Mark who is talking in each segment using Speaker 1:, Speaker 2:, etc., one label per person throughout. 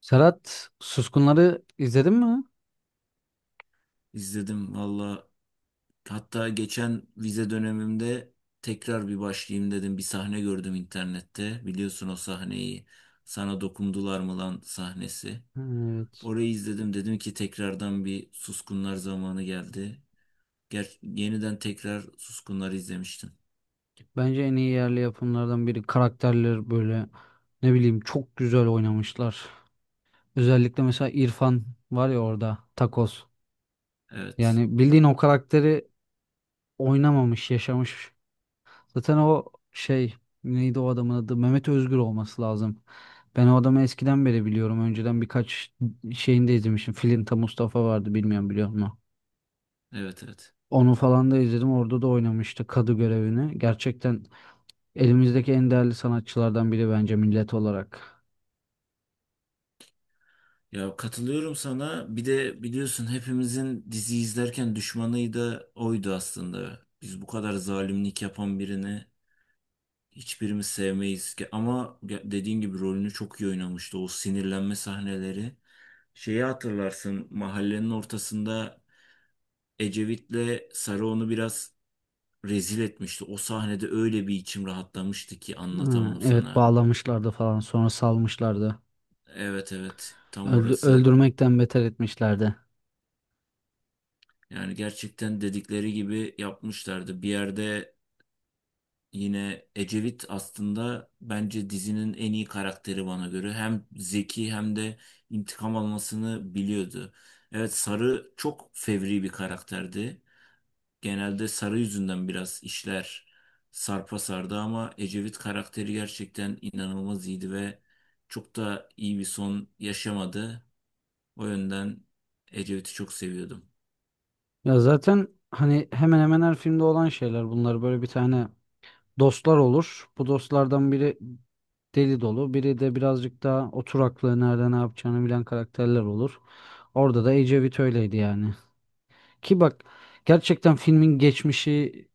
Speaker 1: Serhat, Suskunları izledin mi?
Speaker 2: İzledim valla. Hatta geçen vize dönemimde tekrar bir başlayayım dedim. Bir sahne gördüm internette. Biliyorsun o sahneyi. Sana dokundular mı lan sahnesi.
Speaker 1: Evet.
Speaker 2: Orayı izledim. Dedim ki tekrardan bir Suskunlar zamanı geldi. Ger yeniden tekrar Suskunlar izlemiştim.
Speaker 1: Bence en iyi yerli yapımlardan biri. Karakterler böyle ne bileyim çok güzel oynamışlar. Özellikle mesela İrfan var ya orada Takoz.
Speaker 2: Evet.
Speaker 1: Yani bildiğin o karakteri oynamamış, yaşamış. Zaten o şey neydi o adamın adı? Mehmet Özgür olması lazım. Ben o adamı eskiden beri biliyorum. Önceden birkaç şeyinde izlemişim. Filinta Mustafa vardı, bilmiyorum biliyor musun?
Speaker 2: Evet, evet.
Speaker 1: Onu falan da izledim. Orada da oynamıştı kadı görevini. Gerçekten elimizdeki en değerli sanatçılardan biri bence millet olarak.
Speaker 2: Ya katılıyorum sana. Bir de biliyorsun hepimizin dizi izlerken düşmanı da oydu aslında. Biz bu kadar zalimlik yapan birini hiçbirimiz sevmeyiz ki ama dediğin gibi rolünü çok iyi oynamıştı. O sinirlenme sahneleri. Şeyi hatırlarsın mahallenin ortasında Ecevit'le Sarı onu biraz rezil etmişti. O sahnede öyle bir içim rahatlamıştı ki
Speaker 1: Ha,
Speaker 2: anlatamam
Speaker 1: evet,
Speaker 2: sana.
Speaker 1: bağlamışlardı falan sonra salmışlardı.
Speaker 2: Evet, evet, tam orası.
Speaker 1: Öldürmekten beter etmişlerdi.
Speaker 2: Yani gerçekten dedikleri gibi yapmışlardı. Bir yerde yine Ecevit aslında bence dizinin en iyi karakteri bana göre. Hem zeki hem de intikam almasını biliyordu. Evet, Sarı çok fevri bir karakterdi. Genelde Sarı yüzünden biraz işler sarpa sardı ama Ecevit karakteri gerçekten inanılmaz iyiydi ve çok da iyi bir son yaşamadı. O yönden Ecevit'i çok seviyordum.
Speaker 1: Ya zaten hani hemen hemen her filmde olan şeyler bunlar, böyle bir tane dostlar olur. Bu dostlardan biri deli dolu, biri de birazcık daha oturaklı, nerede ne yapacağını bilen karakterler olur. Orada da Ecevit öyleydi yani. Ki bak, gerçekten filmin geçmişi,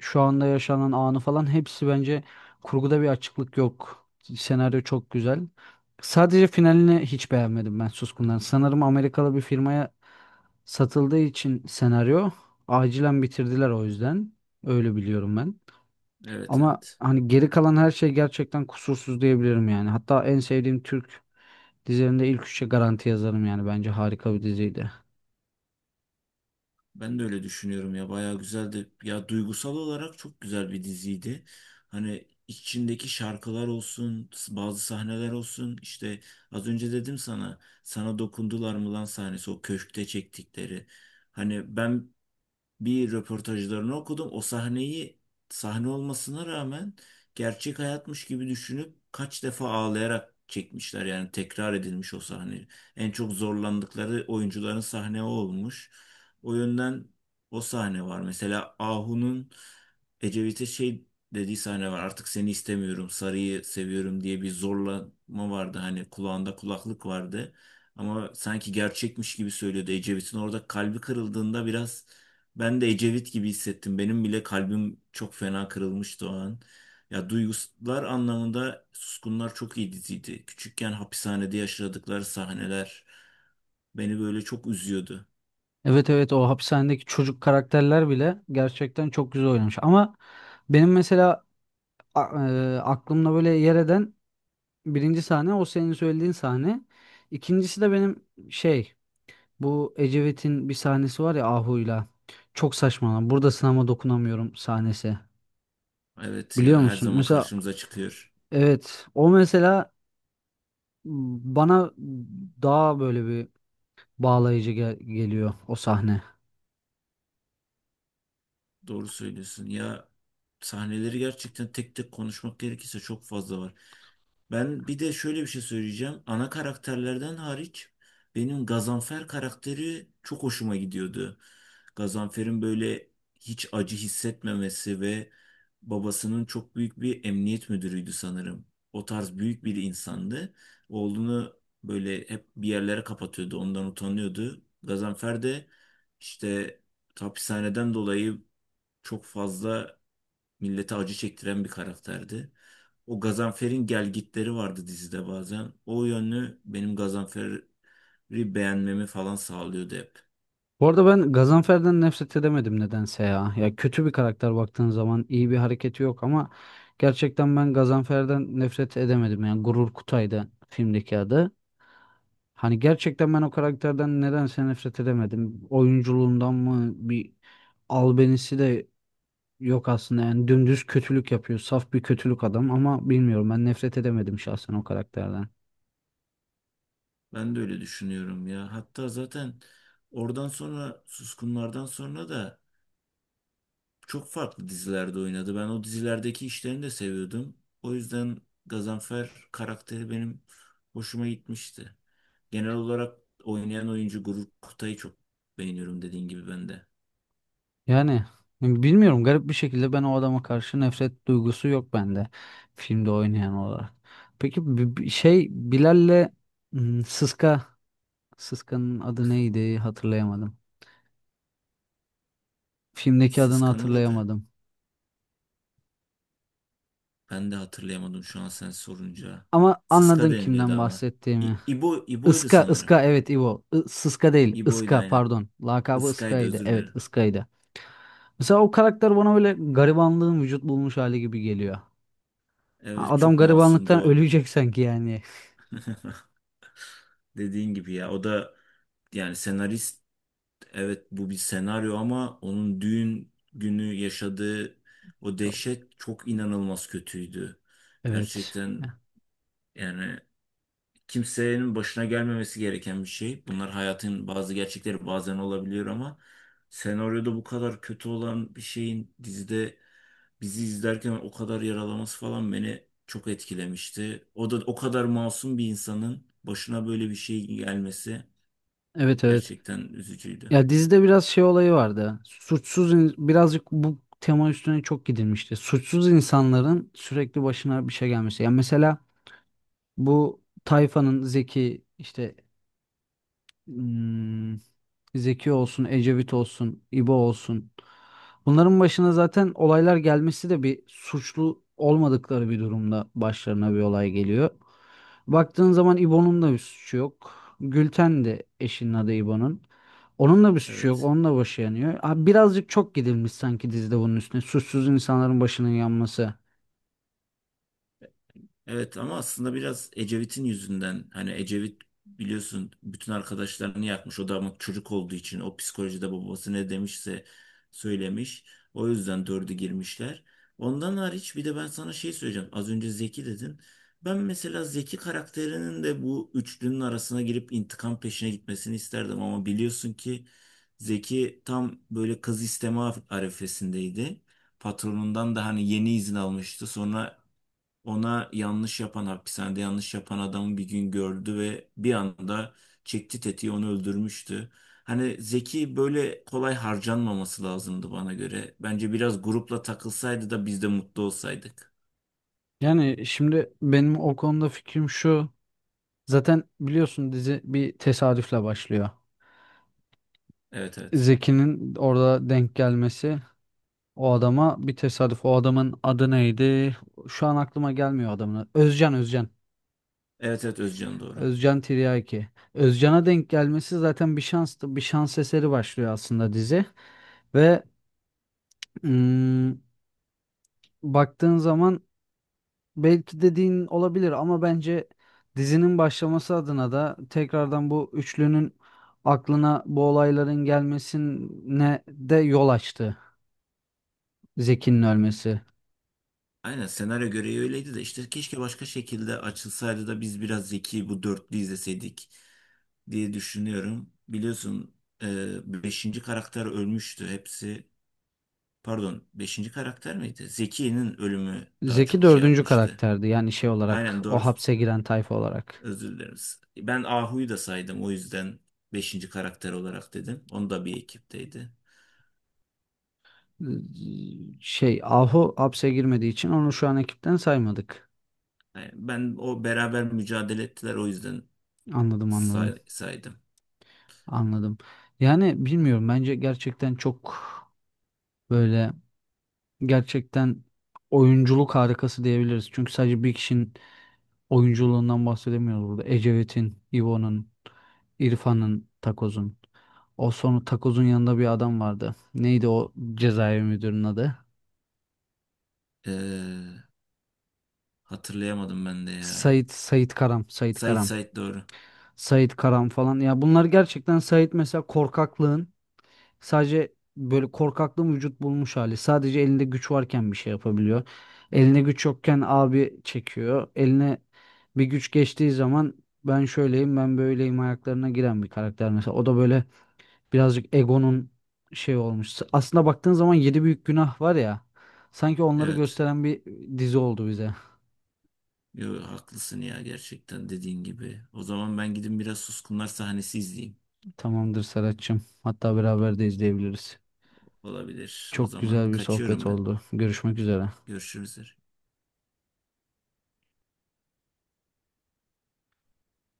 Speaker 1: şu anda yaşanan anı falan, hepsi bence kurguda bir açıklık yok. Senaryo çok güzel. Sadece finalini hiç beğenmedim ben Suskun'dan. Sanırım Amerikalı bir firmaya satıldığı için senaryo acilen bitirdiler o yüzden. Öyle biliyorum ben.
Speaker 2: Evet,
Speaker 1: Ama
Speaker 2: evet.
Speaker 1: hani geri kalan her şey gerçekten kusursuz diyebilirim yani. Hatta en sevdiğim Türk dizilerinde ilk üçe garanti yazarım yani. Bence harika bir diziydi.
Speaker 2: Ben de öyle düşünüyorum ya, bayağı güzeldi. Ya duygusal olarak çok güzel bir diziydi. Hani içindeki şarkılar olsun, bazı sahneler olsun. İşte az önce dedim sana, sana dokundular mı lan sahnesi o köşkte çektikleri. Hani ben bir röportajlarını okudum. O sahneyi, sahne olmasına rağmen gerçek hayatmış gibi düşünüp kaç defa ağlayarak çekmişler. Yani tekrar edilmiş o sahne. En çok zorlandıkları oyuncuların sahne o olmuş. O yönden o sahne var. Mesela Ahu'nun Ecevit'e şey dediği sahne var. Artık seni istemiyorum, sarıyı seviyorum diye bir zorlama vardı. Hani kulağında kulaklık vardı. Ama sanki gerçekmiş gibi söylüyordu. Ecevit'in orada kalbi kırıldığında biraz ben de Ecevit gibi hissettim. Benim bile kalbim çok fena kırılmıştı o an. Ya duygular anlamında Suskunlar çok iyi diziydi. Küçükken hapishanede yaşadıkları sahneler beni böyle çok üzüyordu.
Speaker 1: Evet, evet, o hapishanedeki çocuk karakterler bile gerçekten çok güzel oynamış. Ama benim mesela a- aklımda böyle yer eden birinci sahne o senin söylediğin sahne. İkincisi de benim şey bu Ecevit'in bir sahnesi var ya Ahu'yla. Çok saçma lan. Burada sınama, dokunamıyorum sahnesi.
Speaker 2: Evet
Speaker 1: Biliyor
Speaker 2: ya, her
Speaker 1: musun?
Speaker 2: zaman
Speaker 1: Mesela
Speaker 2: karşımıza çıkıyor.
Speaker 1: evet, o mesela bana daha böyle bir bağlayıcı geliyor o sahne.
Speaker 2: Doğru söylüyorsun. Ya sahneleri gerçekten tek tek konuşmak gerekirse çok fazla var. Ben bir de şöyle bir şey söyleyeceğim. Ana karakterlerden hariç benim Gazanfer karakteri çok hoşuma gidiyordu. Gazanfer'in böyle hiç acı hissetmemesi ve babasının çok büyük bir emniyet müdürüydü sanırım. O tarz büyük bir insandı. Oğlunu böyle hep bir yerlere kapatıyordu, ondan utanıyordu. Gazanfer de işte hapishaneden dolayı çok fazla millete acı çektiren bir karakterdi. O Gazanfer'in gelgitleri vardı dizide bazen. O yönlü benim Gazanfer'i beğenmemi falan sağlıyordu hep.
Speaker 1: Bu arada ben Gazanfer'den nefret edemedim nedense ya. Ya kötü bir karakter, baktığın zaman iyi bir hareketi yok ama gerçekten ben Gazanfer'den nefret edemedim. Yani Gurur Kutay'dı filmdeki adı. Hani gerçekten ben o karakterden nedense nefret edemedim. Oyunculuğundan mı, bir albenisi de yok aslında. Yani dümdüz kötülük yapıyor. Saf bir kötülük adam ama bilmiyorum, ben nefret edemedim şahsen o karakterden.
Speaker 2: Ben de öyle düşünüyorum ya. Hatta zaten oradan sonra, Suskunlardan sonra da çok farklı dizilerde oynadı. Ben o dizilerdeki işlerini de seviyordum. O yüzden Gazanfer karakteri benim hoşuma gitmişti. Genel olarak oynayan oyuncu Gurur Kutay'ı çok beğeniyorum, dediğin gibi ben de.
Speaker 1: Yani bilmiyorum, garip bir şekilde ben o adama karşı nefret duygusu yok bende, filmde oynayan olarak. Peki Bilal'le hmm, Sıska Sıska'nın adı neydi, hatırlayamadım. Filmdeki adını
Speaker 2: Sıska'nın adı
Speaker 1: hatırlayamadım.
Speaker 2: ben de hatırlayamadım şu an sen sorunca.
Speaker 1: Ama
Speaker 2: Sıska
Speaker 1: anladın
Speaker 2: deniliyordu
Speaker 1: kimden
Speaker 2: ama.
Speaker 1: bahsettiğimi.
Speaker 2: İbo, İbo'ydu
Speaker 1: Iska,
Speaker 2: sanırım.
Speaker 1: Iska, evet, İvo. Sıska değil,
Speaker 2: İbo'ydu
Speaker 1: Iska,
Speaker 2: aynen.
Speaker 1: pardon. Lakabı
Speaker 2: Iskay'dı,
Speaker 1: Iska'ydı.
Speaker 2: özür
Speaker 1: Evet,
Speaker 2: dilerim.
Speaker 1: Iska'ydı. Mesela o karakter bana böyle garibanlığın vücut bulmuş hali gibi geliyor. Ha,
Speaker 2: Evet,
Speaker 1: adam
Speaker 2: çok
Speaker 1: garibanlıktan
Speaker 2: masumdu o.
Speaker 1: ölecek sanki yani.
Speaker 2: Dediğin gibi ya, o da yani senarist, evet bu bir senaryo ama onun düğün günü yaşadığı o
Speaker 1: Çok.
Speaker 2: dehşet çok inanılmaz kötüydü.
Speaker 1: Evet.
Speaker 2: Gerçekten yani kimsenin başına gelmemesi gereken bir şey. Bunlar hayatın bazı gerçekleri, bazen olabiliyor ama senaryoda bu kadar kötü olan bir şeyin dizide bizi izlerken o kadar yaralaması falan beni çok etkilemişti. O da o kadar masum bir insanın başına böyle bir şey gelmesi.
Speaker 1: Evet, evet.
Speaker 2: Gerçekten üzücüydü.
Speaker 1: Ya dizide biraz şey olayı vardı. Suçsuz birazcık bu tema üstüne çok gidilmişti. Suçsuz insanların sürekli başına bir şey gelmesi. Yani mesela bu tayfanın Zeki işte, Hmm, Zeki olsun, Ecevit olsun, İbo olsun. Bunların başına zaten olaylar gelmesi de, bir suçlu olmadıkları bir durumda başlarına bir olay geliyor. Baktığın zaman İbo'nun da bir suçu yok. Gülten de, eşinin adı İbo'nun. Onun da bir suçu yok.
Speaker 2: Evet.
Speaker 1: Onun da başı yanıyor. Abi birazcık çok gidilmiş sanki dizide bunun üstüne. Suçsuz insanların başının yanması.
Speaker 2: Evet ama aslında biraz Ecevit'in yüzünden, hani Ecevit biliyorsun bütün arkadaşlarını yakmış. O da ama çocuk olduğu için o psikolojide babası ne demişse söylemiş. O yüzden dördü girmişler. Ondan hariç bir de ben sana şey söyleyeceğim. Az önce Zeki dedin. Ben mesela Zeki karakterinin de bu üçlünün arasına girip intikam peşine gitmesini isterdim ama biliyorsun ki Zeki tam böyle kız isteme arifesindeydi, patronundan da hani yeni izin almıştı. Sonra ona yanlış yapan, hapishanede yanlış yapan adamı bir gün gördü ve bir anda çekti tetiği, onu öldürmüştü. Hani Zeki böyle kolay harcanmaması lazımdı bana göre. Bence biraz grupla takılsaydı da biz de mutlu olsaydık.
Speaker 1: Yani şimdi benim o konuda fikrim şu. Zaten biliyorsun dizi bir tesadüfle başlıyor.
Speaker 2: Evet, evet.
Speaker 1: Zeki'nin orada denk gelmesi o adama bir tesadüf. O adamın adı neydi? Şu an aklıma gelmiyor adamın adı. Özcan, Özcan.
Speaker 2: Evet, evet, Özcan doğru.
Speaker 1: Özcan Tiryaki. Özcan'a denk gelmesi zaten bir şanstı, bir şans eseri başlıyor aslında dizi. Ve mm, baktığın zaman belki dediğin olabilir ama bence dizinin başlaması adına da, tekrardan bu üçlünün aklına bu olayların gelmesine de yol açtı Zeki'nin ölmesi.
Speaker 2: Aynen senaryo gereği öyleydi de işte keşke başka şekilde açılsaydı da biz biraz Zeki bu dörtlü izleseydik diye düşünüyorum. Biliyorsun, beşinci karakter ölmüştü hepsi. Pardon, beşinci karakter miydi? Zeki'nin ölümü daha
Speaker 1: Zeki
Speaker 2: çok şey
Speaker 1: dördüncü
Speaker 2: yapmıştı.
Speaker 1: karakterdi yani, şey olarak,
Speaker 2: Aynen
Speaker 1: o
Speaker 2: doğru.
Speaker 1: hapse giren tayfa olarak.
Speaker 2: Özür dileriz. Ben Ahu'yu da saydım. O yüzden beşinci karakter olarak dedim. Onu da bir ekipteydi.
Speaker 1: Ee, Ahu hapse girmediği için onu şu an ekipten saymadık.
Speaker 2: Yani ben o beraber mücadele ettiler. O yüzden
Speaker 1: Anladım, anladım,
Speaker 2: saydım.
Speaker 1: anladım. Yani bilmiyorum, bence gerçekten çok böyle, gerçekten oyunculuk harikası diyebiliriz. Çünkü sadece bir kişinin oyunculuğundan bahsedemiyoruz burada. Ecevit'in, İvo'nun, İrfan'ın, Takoz'un. O sonu, Takoz'un yanında bir adam vardı. Neydi o cezaevi müdürünün adı?
Speaker 2: Ee, hatırlayamadım ben de ya.
Speaker 1: Sait, Sait Karam, Sait
Speaker 2: Sait,
Speaker 1: Karam,
Speaker 2: Sait doğru.
Speaker 1: Sait Karam falan. Ya bunlar gerçekten, Sait mesela korkaklığın, sadece böyle korkaklığın vücut bulmuş hali. Sadece elinde güç varken bir şey yapabiliyor. Eline güç yokken abi çekiyor. Eline bir güç geçtiği zaman ben şöyleyim, ben böyleyim ayaklarına giren bir karakter mesela. O da böyle birazcık egonun şey olmuş. Aslında baktığın zaman yedi büyük günah var ya. Sanki onları
Speaker 2: Evet.
Speaker 1: gösteren bir dizi oldu bize.
Speaker 2: Yo, haklısın ya, gerçekten dediğin gibi. O zaman ben gidin biraz Suskunlar sahnesi izleyeyim.
Speaker 1: Tamamdır Serhat'cığım. Hatta beraber de izleyebiliriz.
Speaker 2: Olabilir. O
Speaker 1: Çok
Speaker 2: zaman
Speaker 1: güzel bir sohbet
Speaker 2: kaçıyorum ben.
Speaker 1: oldu. Görüşmek üzere.
Speaker 2: Görüşürüz.